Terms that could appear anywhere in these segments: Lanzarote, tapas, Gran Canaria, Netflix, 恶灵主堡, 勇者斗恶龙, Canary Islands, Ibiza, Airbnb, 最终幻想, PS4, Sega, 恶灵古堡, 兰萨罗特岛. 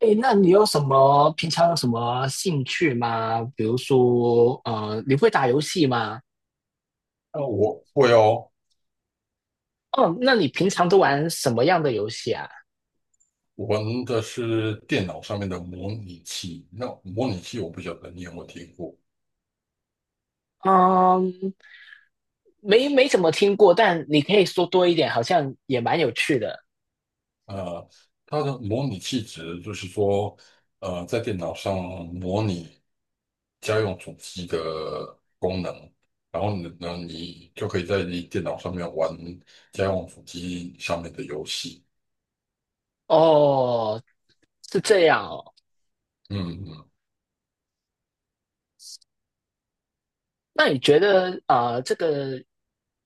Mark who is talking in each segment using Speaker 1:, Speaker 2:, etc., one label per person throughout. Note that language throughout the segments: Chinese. Speaker 1: 诶，那你有什么平常有什么兴趣吗？比如说，你会打游戏吗？
Speaker 2: 我会哦。
Speaker 1: 哦，那你平常都玩什么样的游戏啊？
Speaker 2: 我玩的是电脑上面的模拟器。那模拟器我不晓得你有没有听过？
Speaker 1: 嗯，没怎么听过，但你可以说多一点，好像也蛮有趣的。
Speaker 2: 呃，它的模拟器指的就是说，在电脑上模拟家用主机的功能。然后呢，你就可以在你电脑上面玩家用主机上面的游戏。
Speaker 1: 哦，是这样哦。
Speaker 2: 嗯，嗯
Speaker 1: 那你觉得，这个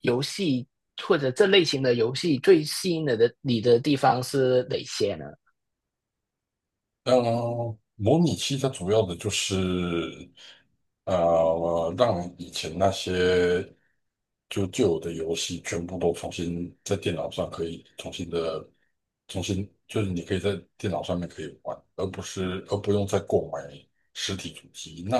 Speaker 1: 游戏或者这类型的游戏最吸引你的地方是哪些呢？
Speaker 2: 呃，模拟器它主要的就是，让以前那些就旧有的游戏全部都重新在电脑上可以重新，就是你可以在电脑上面可以玩，而不用再购买实体主机。那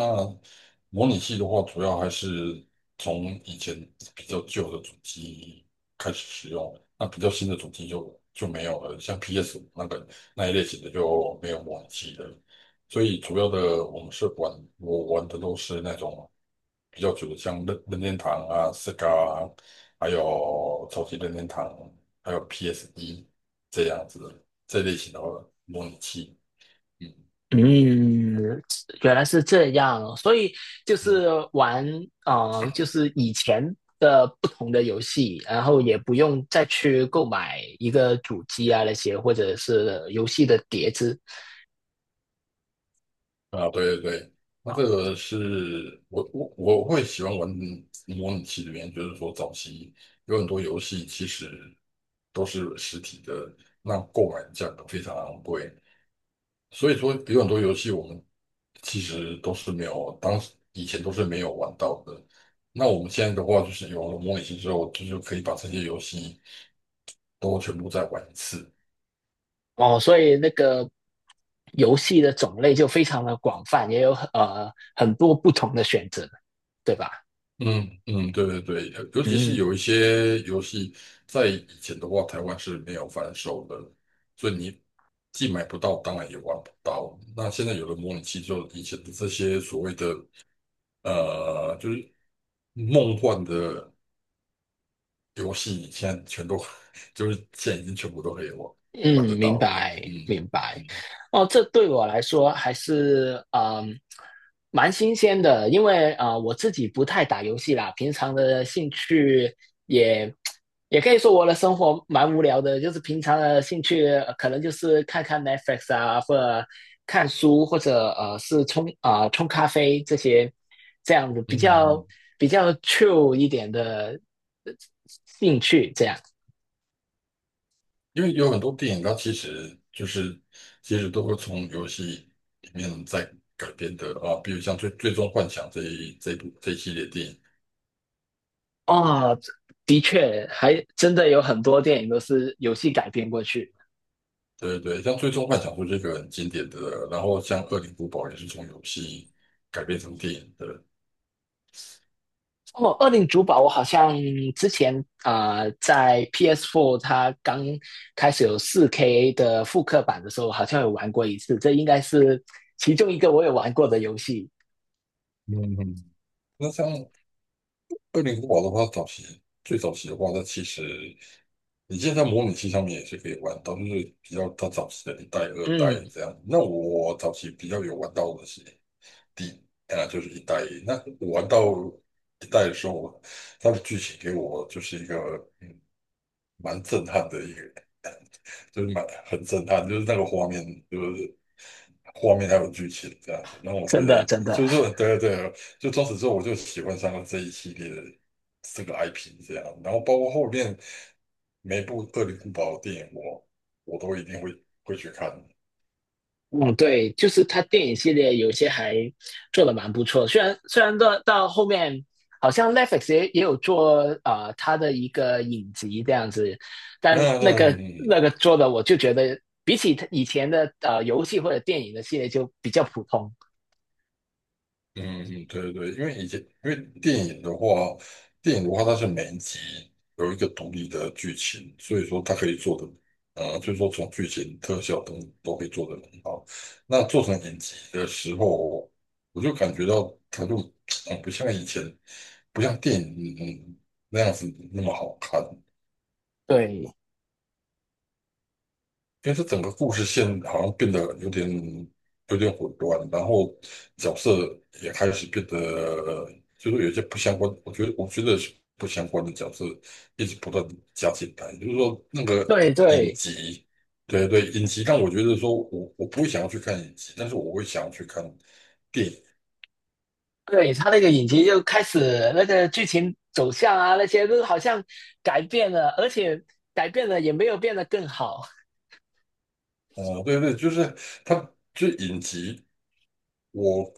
Speaker 2: 模拟器的话，主要还是从以前比较旧的主机开始使用，那比较新的主机就没有了，像 PS5那个。那一类型的就没有模拟器的，所以主要的我们是玩，我玩的都是那种比较久的，像任天堂啊、Sega 啊，还有早期任天堂，还有 PSD 这样子的这类型的模拟器。嗯
Speaker 1: 嗯，原来是这样，所以就
Speaker 2: 嗯。
Speaker 1: 是玩，就是以前的不同的游戏，然后也不用再去购买一个主机啊那些，或者是游戏的碟子
Speaker 2: 啊，对对对，那
Speaker 1: 啊。
Speaker 2: 这个是我会喜欢玩模拟器的原因，就是说早期有很多游戏其实都是实体的，那购买价格非常昂贵。所以说有很多游戏我们其实都是没有，当时以前都是没有玩到的。那我们现在的话，就是有了模拟器之后，就是可以把这些游戏都全部再玩一次。
Speaker 1: 哦，所以那个游戏的种类就非常的广泛，也有很多不同的选择，对吧？
Speaker 2: 嗯嗯，对对对，尤其是
Speaker 1: 嗯。
Speaker 2: 有一些游戏在以前的话，台湾是没有贩售的，所以你既买不到，当然也玩不到。那现在有了模拟器之后，以前的这些所谓的就是梦幻的。游戏现在全都 就是现在已经全部都可以玩得
Speaker 1: 嗯，明
Speaker 2: 到了。
Speaker 1: 白明
Speaker 2: 嗯
Speaker 1: 白。哦，这对我来说还是蛮新鲜的，因为啊、我自己不太打游戏啦，平常的兴趣也也可以说我的生活蛮无聊的，就是平常的兴趣、可能就是看看 Netflix 啊，或者看书，或者是冲啊、冲咖啡这些这样子比较
Speaker 2: 嗯，
Speaker 1: 比较 true 一点的呃兴趣这样。
Speaker 2: 因为有很多电影它其实就是都会从游戏里面再改编的啊。比如像《最终幻想》这一系列电影，
Speaker 1: 哦，的确，还真的有很多电影都是游戏改编过去。
Speaker 2: 对对像《最终幻想》就这个很经典的，然后像《恶灵古堡》也是从游戏改编成电影的。
Speaker 1: 哦，《恶灵主堡》我好像之前啊、在 PS4 它刚开始有4K 的复刻版的时候，好像有玩过一次。这应该是其中一个我有玩过的游戏。
Speaker 2: 嗯，嗯那像二零古堡的话，最早期的话，它其实你现在模拟器上面也是可以玩到，就是比较它早期的一代、二代
Speaker 1: 嗯，
Speaker 2: 这样。那我早期比较有玩到的是第就是一代。那我玩到一代的时候，它的剧情给我就是一个嗯蛮震撼的一个，就是蛮很震撼，就是那个画面，就是画面还有剧情这样子。那我觉
Speaker 1: 真
Speaker 2: 得，
Speaker 1: 的真的。
Speaker 2: 就是说，对对，就从此之后我就喜欢上了这一系列的这个 IP 这样。然后包括后面每部《恶灵古堡》的电影我都一定会去看。
Speaker 1: 嗯，对，就是他电影系列有些还做的蛮不错，虽然到后面好像 Netflix 也有做啊，他的一个影集这样子，
Speaker 2: 那
Speaker 1: 但那个
Speaker 2: 嗯。
Speaker 1: 那个做的我就觉得比起他以前的游戏或者电影的系列就比较普通。
Speaker 2: 嗯，嗯对对，因为以前因为电影的话，电影的话它是每一集有一个独立的剧情，所以说它可以做的，所以说从剧情、特效等都可以做得很好。那做成影集的时候，我就感觉到它就，不像以前，不像电影，嗯那样子那么好看。
Speaker 1: 对
Speaker 2: 因为它整个故事线好像变得有点混乱，然后角色也开始变得就是有一些不相关，我觉得是不相关的角色一直不断地加进来，就是说那个
Speaker 1: 对
Speaker 2: 影
Speaker 1: 对
Speaker 2: 集，对对，影集但我觉得说我不会想要去看影集，但是我会想要去看电影，
Speaker 1: 对，他那个影集就开始那个剧情走向啊那些都好像改变了，而且改变了也没有变得更好。
Speaker 2: 对对，就是它就是影集。我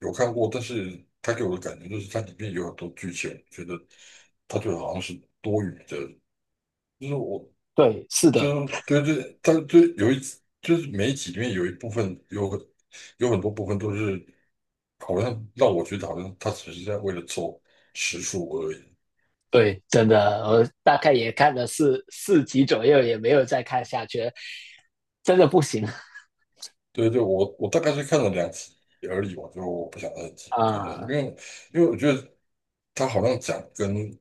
Speaker 2: 有看过，但是它给我的感觉就是它里面有很多剧情，我觉得它就好像是多余的。就是我，
Speaker 1: 对，是
Speaker 2: 就
Speaker 1: 的。
Speaker 2: 是对对，它就有一，就是每一集里面有一部分有很多部分都是好像让我觉得好像它只是在为了凑时数而已。
Speaker 1: 对，真的，我大概也看了四集左右，也没有再看下去了，真的不行
Speaker 2: 对对，我大概是看了两集而已，我就不想再继 续看下去，因
Speaker 1: 啊。
Speaker 2: 为我觉得他好像讲跟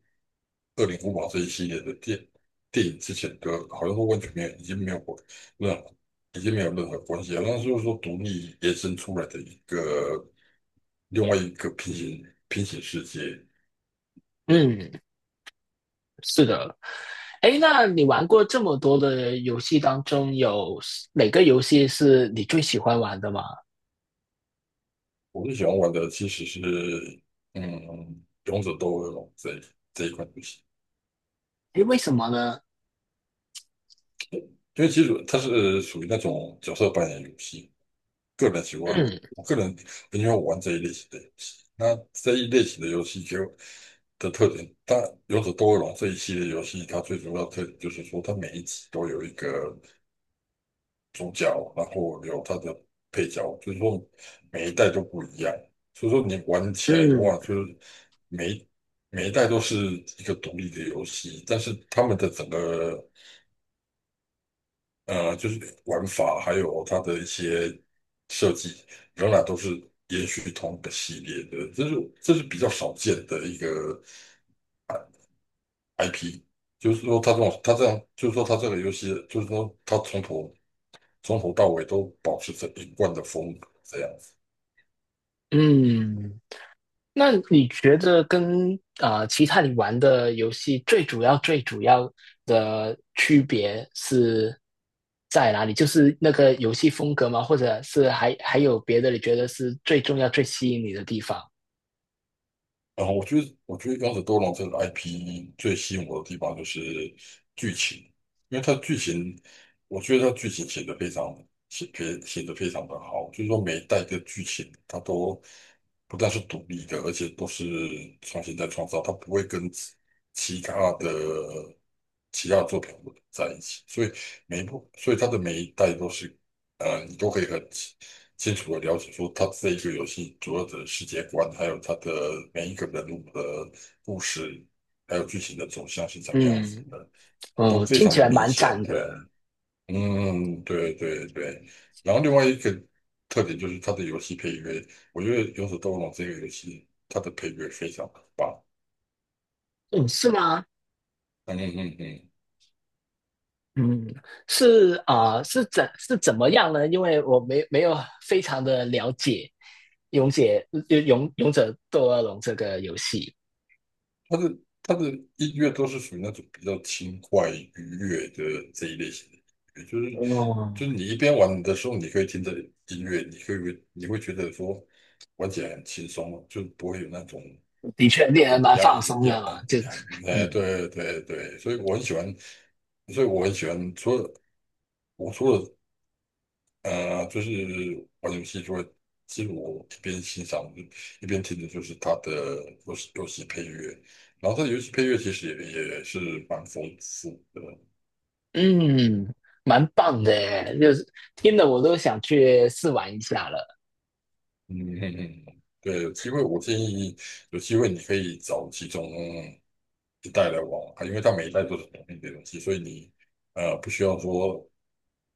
Speaker 2: 《恶灵古堡》这一系列的电影之前的，好像都完全没有，任何已经没有任何关系了。那就是说独立延伸出来的一个另外一个平行世界。
Speaker 1: 嗯，是的。哎，那你玩过这么多的游戏当中，有哪个游戏是你最喜欢玩的吗？
Speaker 2: 我最喜欢玩的其实是嗯《勇者斗恶龙》这一款游戏，
Speaker 1: 哎，为什么呢？
Speaker 2: 因为其实它是属于那种角色扮演游戏。个人喜欢，
Speaker 1: 嗯
Speaker 2: 我个人很喜欢玩这一类型的游戏。那这一类型的游戏就的特点，但有者斗恶龙这一系列游戏，它最主要的特点就是说，它每一集都有一个主角，然后有它的配角，所以说每一代都不一样。所以说你玩起来的
Speaker 1: 嗯
Speaker 2: 话，就是每一每一代都是一个独立的游戏，但是他们的整个就是玩法还有它的一些设计，仍然都是延续同一个系列的，这是比较少见的一个 I- IP。就是说，它这种它这样，就是说它这个游戏，就是说它从头到尾都保持着一贯的风格，这样。
Speaker 1: 嗯，那你觉得跟其他你玩的游戏最主要的区别是在哪里？就是那个游戏风格吗？或者是还有别的？你觉得是最重要、最吸引你的地方？
Speaker 2: 然后我觉得，刚才多龙》这个 IP 最吸引我的地方就是剧情，因为它的剧情，我觉得它剧情写得非常写写写得非常的好，就是说每一代的剧情它都不但是独立的，而且都是重新再创造，它不会跟其他的其他作品混在一起，所以每一部，所以它的每一代都是，你都可以很清楚的了解说它这一个游戏主要的世界观，还有它的每一个人物的故事，还有剧情的走向是怎么样子
Speaker 1: 嗯，
Speaker 2: 的，都
Speaker 1: 嗯，
Speaker 2: 非
Speaker 1: 听
Speaker 2: 常
Speaker 1: 起
Speaker 2: 的
Speaker 1: 来
Speaker 2: 明
Speaker 1: 蛮
Speaker 2: 显。
Speaker 1: 赞的。
Speaker 2: 对，嗯，对对对。然后另外一个特点就是它的游戏配乐，我觉得《勇者斗恶龙》这个游戏它的配乐非常的棒。
Speaker 1: 嗯，是吗？
Speaker 2: 嗯嗯嗯。
Speaker 1: 嗯，是啊，是怎么样呢？因为我没有非常的了解《勇者勇者斗恶龙》这个游戏。
Speaker 2: 他的音乐都是属于那种比较轻快愉悦的这一类型的音乐，
Speaker 1: 哦。
Speaker 2: 就是你一边玩的时候，你可以听着音乐，你可以你会觉得说玩起来很轻松啊，就不会有那种
Speaker 1: 的确令人
Speaker 2: 很
Speaker 1: 蛮
Speaker 2: 压
Speaker 1: 放
Speaker 2: 抑
Speaker 1: 松
Speaker 2: 压
Speaker 1: 的嘛，
Speaker 2: 很
Speaker 1: 就
Speaker 2: 哎，
Speaker 1: 嗯
Speaker 2: 对对对，所以我很喜欢，所以我很喜欢，除了除了就是玩游戏就会，其实我一边欣赏一边听的就是它的游戏配乐，然后它的游戏配乐其实也是蛮丰富的。
Speaker 1: 嗯，蛮棒的耶，就是听了我都想去试玩一下了。
Speaker 2: 嗯嗯嗯，对，有机会我建议有机会你可以找其中一代来玩玩看因为它每一代都是同一的东西，所以你不需要说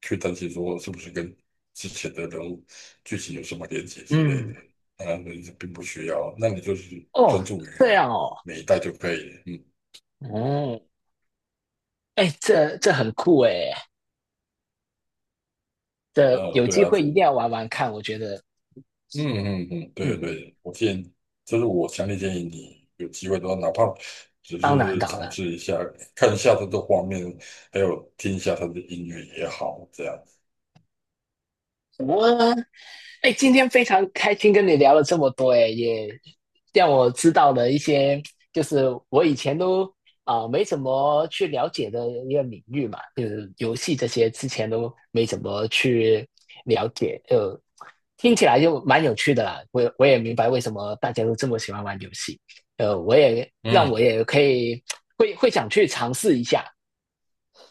Speaker 2: 去担心说是不是跟之前的人物剧情有什么连接之类的。
Speaker 1: 嗯，
Speaker 2: 当然，你并不需要，那你就是专
Speaker 1: 哦，
Speaker 2: 注于
Speaker 1: 这样哦。
Speaker 2: 每一代就可以了。嗯，
Speaker 1: 哦，哎，这很酷哎，这有
Speaker 2: 对
Speaker 1: 机
Speaker 2: 啊，
Speaker 1: 会
Speaker 2: 是
Speaker 1: 一定
Speaker 2: 嗯
Speaker 1: 要玩玩看，我觉得，
Speaker 2: 嗯嗯，对
Speaker 1: 嗯，
Speaker 2: 对我建议，这是我强烈建议你有机会的话，哪怕只
Speaker 1: 当然
Speaker 2: 是
Speaker 1: 当
Speaker 2: 尝
Speaker 1: 然，
Speaker 2: 试一下，看一下它的画面，还有听一下他的音乐也好，这样。
Speaker 1: 我哎，今天非常开心跟你聊了这么多，哎，也让我知道了一些，就是我以前都啊、没怎么去了解的一个领域嘛，就是游戏这些之前都没怎么去了解，就听起来就蛮有趣的啦。我也明白为什么大家都这么喜欢玩游戏，我也让我
Speaker 2: 嗯
Speaker 1: 也可以会想去尝试一下，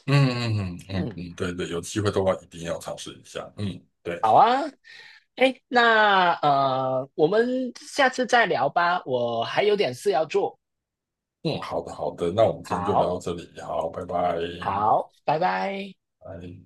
Speaker 2: 嗯嗯嗯嗯
Speaker 1: 嗯。
Speaker 2: 嗯，对对，有机会的话一定要尝试一下。嗯，对。
Speaker 1: 好啊，哎，那我们下次再聊吧，我还有点事要做。
Speaker 2: 嗯，好的，好的，那我们今天就聊
Speaker 1: 好，
Speaker 2: 到这里，好，拜拜，
Speaker 1: 好，拜拜。
Speaker 2: 拜。